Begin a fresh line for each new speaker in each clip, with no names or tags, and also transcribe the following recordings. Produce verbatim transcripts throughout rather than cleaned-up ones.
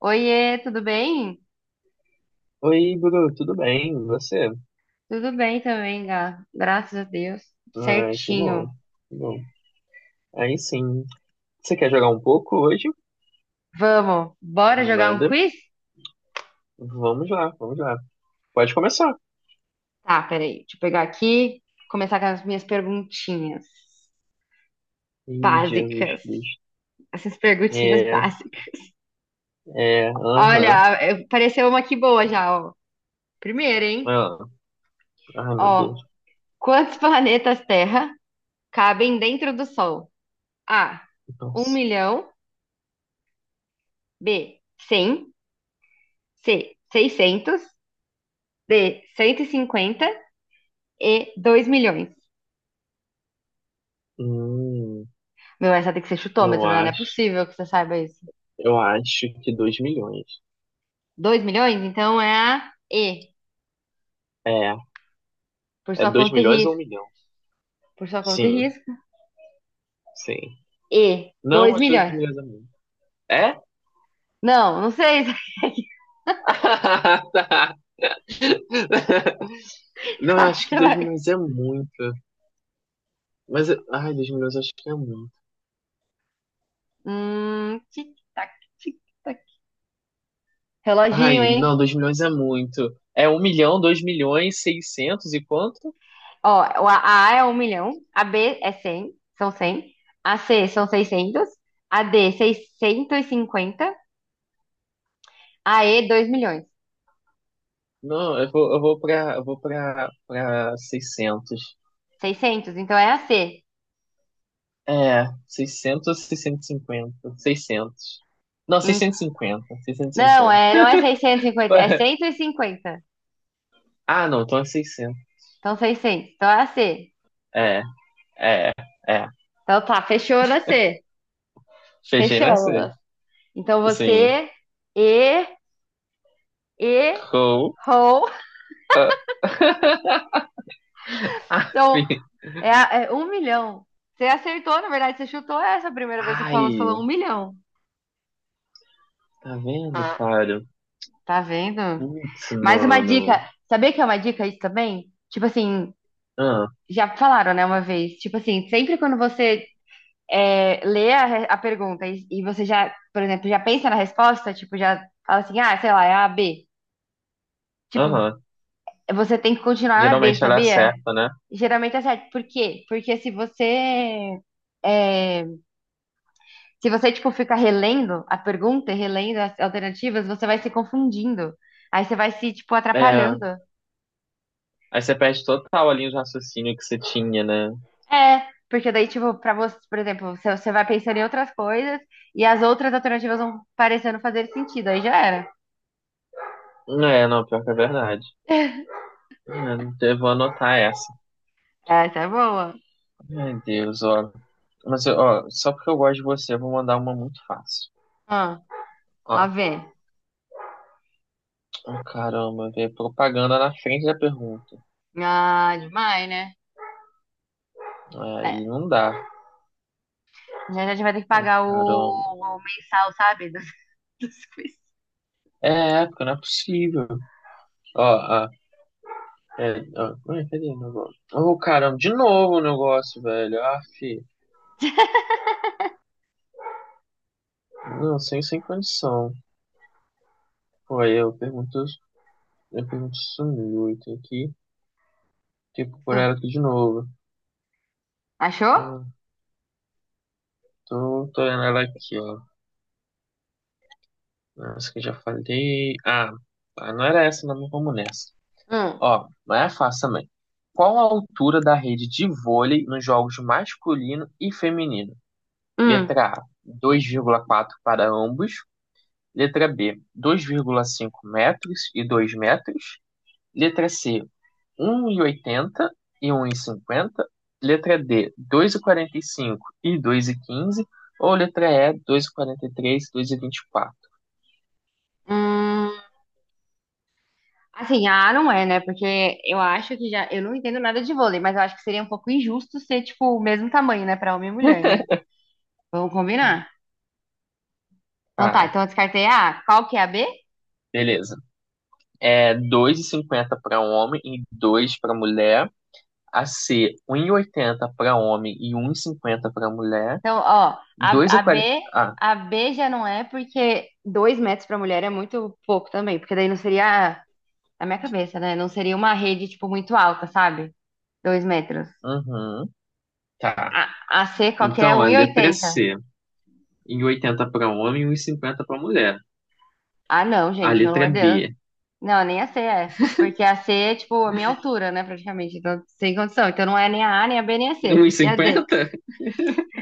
Oiê, tudo bem?
Oi, Bruno, tudo bem? E você?
Tudo bem também, Gá. Graças a Deus.
Ai, que
Certinho.
bom. Que bom. Aí sim. Você quer jogar um pouco hoje?
Vamos, bora jogar um
Animada?
quiz?
Vamos lá, vamos lá. Pode começar.
Tá, peraí. Deixa eu pegar aqui, começar com as minhas perguntinhas
Ih, Jesus
básicas.
Cristo.
Essas perguntinhas
É,
básicas.
é, aham.
Olha, eu- pareceu uma aqui boa já, ó. Primeiro, hein?
Ah, ai, meu Deus.
Ó, quantos planetas Terra cabem dentro do Sol? A, um
Nossa.
milhão. B, cem. C, seiscentos. D, cento e cinquenta. E dois milhões.
Hum,
Meu, essa tem que ser chutômetro,
eu
né? Não é
acho.
possível que você saiba isso.
Eu acho que dois milhões.
Dois milhões? Então é a E,
É,
por
é
sua
dois
conta e
milhões ou um
risco.
milhão?
Por sua conta e
Sim,
risco.
sim.
E,
Não,
dois
acho que dois
milhões.
milhões é muito. É?
Não, não sei
Tá. Não, eu
qual que
acho que
você
dois
vai.
milhões é muito. Mas, ai, dois milhões acho que é muito.
Hum, tic-tac, tic-tac. Reloginho,
Ai,
hein?
não, dois milhões é muito. É um milhão, dois milhões, seiscentos e quanto?
Ó, a A é um milhão, a B é cem, são cem, a C são seiscentos, a D seiscentos e cinquenta, a E dois milhões.
Não, eu vou, eu vou pra, eu vou pra, pra seiscentos.
Seiscentos, então é a C.
É, seiscentos ou seiscentos e cinquenta, seiscentos. Não,
Em-
seiscentos, seiscentos e cinquenta, seiscentos e
Não,
cinquenta.
é, não é seiscentos e cinquenta, é cento e cinquenta.
Ah, não, então é seiscentos.
Então, seiscentos. Então, é a C.
É, é, é.
Então, tá, fechou na C.
Fechei na C.
Fechamos. Então,
Sim.
você, e, e,
Roll
rou,
up.
são, é, a- é um milhão. Você acertou, na verdade, você chutou essa primeira vez que você falou, você falou
Ai,
um milhão.
tá vendo, cara?
Tá vendo?
Putz,
Mais uma
mano.
dica. Sabia que é uma dica isso também? Tipo assim,
Ah,
já falaram, né, uma vez. Tipo assim, sempre quando você é, lê a, re- a pergunta e, e você já, por exemplo, já pensa na resposta, tipo, já fala assim, ah, sei lá, é a B. Tipo,
aham.
você tem que continuar na B,
Geralmente ela
sabia?
acerta, né?
Geralmente é certo. Por quê? Porque se você é, se você, tipo, fica relendo a pergunta e relendo as alternativas, você vai se confundindo. Aí você vai se, tipo,
É,
atrapalhando.
aí você perde total ali o raciocínio que você tinha, né?
É, porque daí, tipo, pra você, por exemplo, você, você vai pensando em outras coisas e as outras alternativas vão parecendo fazer sentido. Aí já era.
É, não, pior que é verdade. É, eu vou anotar essa.
Essa é boa.
Ai, Deus, ó. Mas, ó, só porque eu gosto de você, eu vou mandar uma muito fácil.
Ah.
Ó,
Lá vem.
oh, caramba, vê propaganda na frente da pergunta.
Ah, demais, né? É,
Aí não dá.
já já a gente vai ter que
Oh,
pagar o,
caramba.
o mensal, sabe? Dos, dos quiz.
É, é, porque não é possível. Ó, ó. É, ó, ué, cadê o negócio? Oh, caramba, de novo o negócio, velho. Ah, fi. Não, sem, sem condição. Foi, eu pergunto, eu pergunto isso muito aqui. Tipo, por ela
Hum,
aqui de novo.
achou?
Ah, tô, tô olhando ela aqui, ó. Essa que eu já falei. Ah, tá, não era essa, não, mas vamos nessa.
Hum,
Ó, mas é fácil também. Qual a altura da rede de vôlei nos jogos masculino e feminino?
hum,
Letra A, dois vírgula quatro para ambos. Letra B, dois vírgula cinco metros e dois metros. Letra C, um e oitenta e e um e cinquenta. Letra D, dois e quarenta e e e cinco, dois e quinze. Ou letra E, dois e quarenta e e e três, dois e vinte e quatro.
hum. Assim, ah, não é, né? Porque eu acho que já. Eu não entendo nada de vôlei, mas eu acho que seria um pouco injusto ser, tipo, o mesmo tamanho, né? Pra homem e mulher, né? Vamos combinar. Então tá,
Ah,
então eu descartei a A. Qual que é a B?
beleza. É dois e cinquenta para homem e dois para mulher. A C, um e oitenta para homem e um e cinquenta para mulher.
Então, ó, a, a
dois e quarenta.
B.
Ah,
A B já não é porque dois metros pra mulher é muito pouco também, porque daí não seria na minha cabeça, né? Não seria uma rede, tipo, muito alta, sabe? Dois metros.
uhum, tá.
A, a C qualquer é
Então, a
um e
letra
oitenta.
C, um e oitenta para homem e um e cinquenta para mulher.
Ah, não,
A
gente, pelo
letra
amor de Deus.
D,
Não, nem a C é. Porque a C é, tipo, a minha altura, né, praticamente. Então, sem condição. Então, não é nem a A, nem a B, nem a
um
C.
e
E a
cinquenta.
D?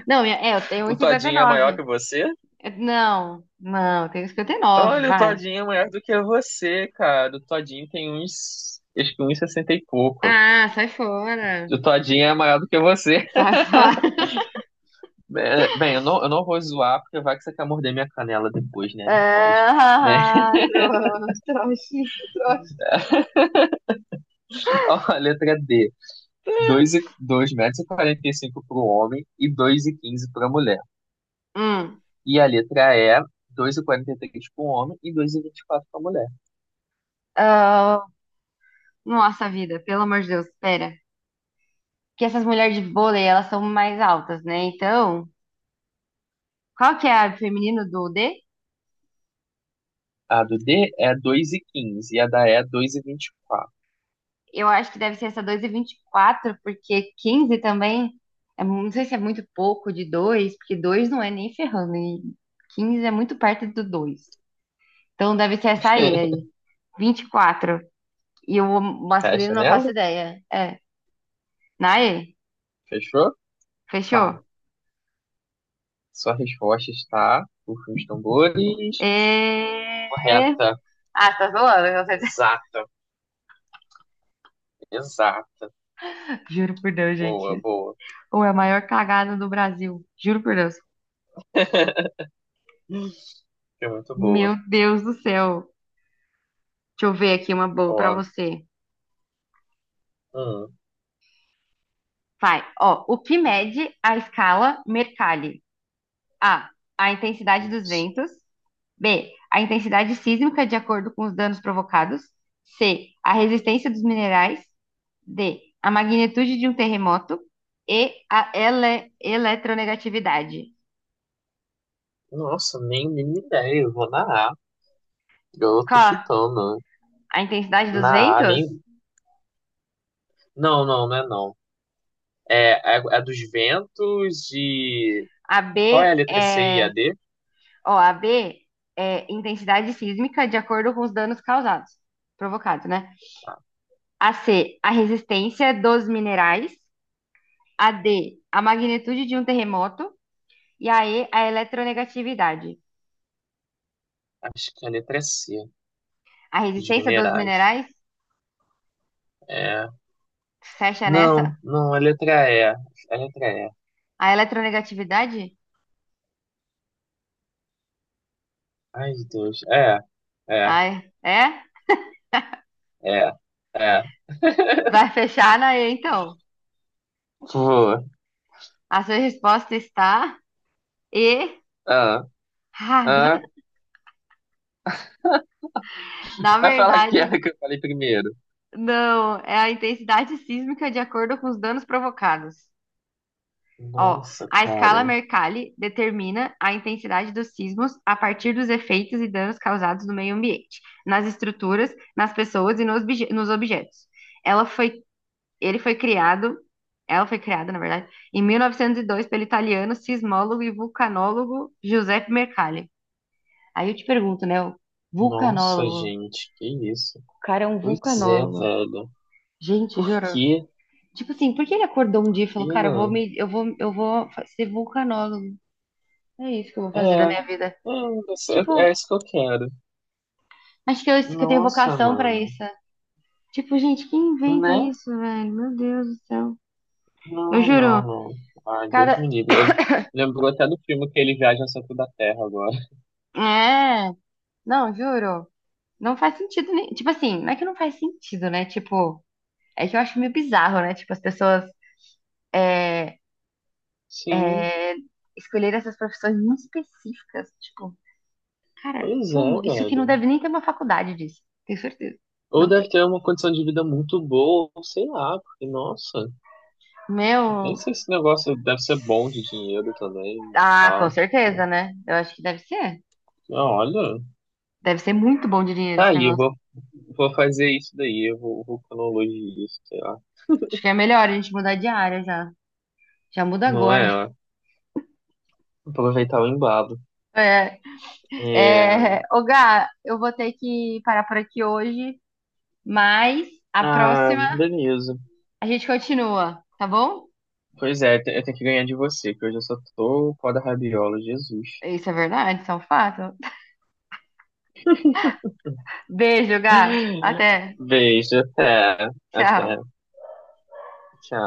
Não, e a- é, eu tenho
O Todinho é maior que
um vírgula cinquenta e nove.
você?
Eu- Não, não, eu tenho cinquenta e nove.
Olha, o
Vai.
Todinho é maior do que você, cara. O Todinho tem uns, acho que uns sessenta e pouco.
Ah, sai fora.
O Todinho é maior do que você.
Sai fora.
É, bem, eu não, eu não vou zoar, porque vai que você quer morder minha canela depois, né? Não pode. É.
Ah, trouxa, trouxa.
Ó, a letra D. Dois e- dois metros e quarenta e cinco para o homem e dois e quinze para a mulher.
Hum.
E a letra E, dois e quarenta e três para o homem e dois e e vinte e quatro para a mulher.
Ah, nossa vida, pelo amor de Deus, pera. Que essas mulheres de vôlei, elas são mais altas, né? Então, qual que é a feminino do D?
A do D é dois e quinze e a da E é
Eu acho que deve ser essa dois e e vinte e quatro porque quinze também, é mu- não sei se é muito pouco de dois porque dois não é nem ferrando, e quinze é muito perto do dois. Então deve ser essa aí,
dois e vinte e quatro.
aí, vinte e quatro. E quatro. E o masculino
Fecha
não faço
nela?
ideia. É, Naê,
Fechou? Tá.
fechou?
Sua resposta está, por os tambores,
E.
correta,
Ah, você tá zoando, você.
exata, exata.
Juro por Deus,
Boa,
gente.
boa.
Ou é a maior cagada do Brasil. Juro por Deus.
É muito
Meu
boa.
Deus do céu. Deixa eu ver aqui uma boa pra
Ó,
você.
hum,
Vai. Ó, o que mede a escala Mercalli? A. A intensidade dos
nossa.
ventos. B. A intensidade sísmica de acordo com os danos provocados. C. A resistência dos minerais. D. A magnitude de um terremoto. E. A ele eletronegatividade.
Nossa, nem, nem ideia, eu vou na A. Eu tô
Qual?
chutando.
A intensidade
Né?
dos
Na A,
ventos?
nem. Não, não, não é não. É a, a dos ventos e.
A B
Qual é a letra C e a
é
D?
Ó, a B é intensidade sísmica de acordo com os danos causados, provocados, né? A C, a resistência dos minerais. A D, a magnitude de um terremoto. E a E, a eletronegatividade.
Acho que é a letra C,
A
dos
resistência dos
minerais.
minerais,
É.
fecha
Não,
nessa?
não, a letra E. A letra E.
A eletronegatividade?
Ai, Deus. É, é,
Ai, é?
é, é.
Vai fechar na E, então.
Pô.
A sua resposta está
Ah,
errada.
ah.
Na
Vai falar que
verdade,
era que eu falei primeiro.
não. É a intensidade sísmica de acordo com os danos provocados. Ó,
Nossa,
a escala
cara.
Mercalli determina a intensidade dos sismos a partir dos efeitos e danos causados no meio ambiente, nas estruturas, nas pessoas e nos, obje- nos objetos. Ela foi, ele foi criado, ela foi criada, na verdade, em mil novecentos e dois pelo italiano sismólogo e vulcanólogo Giuseppe Mercalli. Aí eu te pergunto, né, o
Nossa,
vulcanólogo,
gente. Que isso?
o cara é um
Pois é,
vulcanólogo.
velho.
Gente,
Por
juro.
quê?
Tipo assim, por que ele acordou um
Por
dia e
quê,
falou, cara, eu vou
né?
me, eu vou, eu vou fa- ser vulcanólogo? É isso que eu vou
É,
fazer da minha vida.
é, isso-
Tipo,
é é isso que eu quero.
acho que eu, que eu tenho
Nossa,
vocação pra
mano.
isso. Tipo, gente, quem inventa
Né?
isso, velho? Meu Deus do céu. Eu
Não, não,
juro,
não. Ai, Deus
cada.
me livre. Eu- lembrou até do filme que ele viaja ao centro da Terra agora.
É, não, juro. Não faz sentido nem. Tipo assim, não é que não faz sentido, né? Tipo, é que eu acho meio bizarro, né? Tipo, as pessoas é,
Sim,
é, escolherem essas profissões muito específicas. Tipo, cara,
pois é,
como? Isso aqui não
velho.
deve nem ter uma faculdade disso. Tenho certeza.
Ou
Não tem.
deve ter uma condição de vida muito boa, ou sei lá, porque, nossa, nem
Meu.
sei se esse negócio deve ser bom de dinheiro também e
Ah, com
tal. Tipo,
certeza, né? Eu acho que deve ser.
ah, olha,
Deve ser muito bom de dinheiro
tá
esse
aí, eu
negócio.
vou, vou fazer isso daí, eu vou, vou cronologia isso, sei lá.
Acho que é melhor a gente mudar de área já. Já muda
Não
agora.
é, ó. Aproveitar o embalo. É...
É, é, ô Gá, eu vou ter que parar por aqui hoje, mas a
Ah,
próxima
beleza.
a gente continua, tá bom?
Pois é, eu tenho que ganhar de você, que hoje eu só tô o pó da rabiola, Jesus.
Isso é verdade, isso é um fato. Beijo, Gá. Até.
Beijo, até, até,
Tchau.
tchau.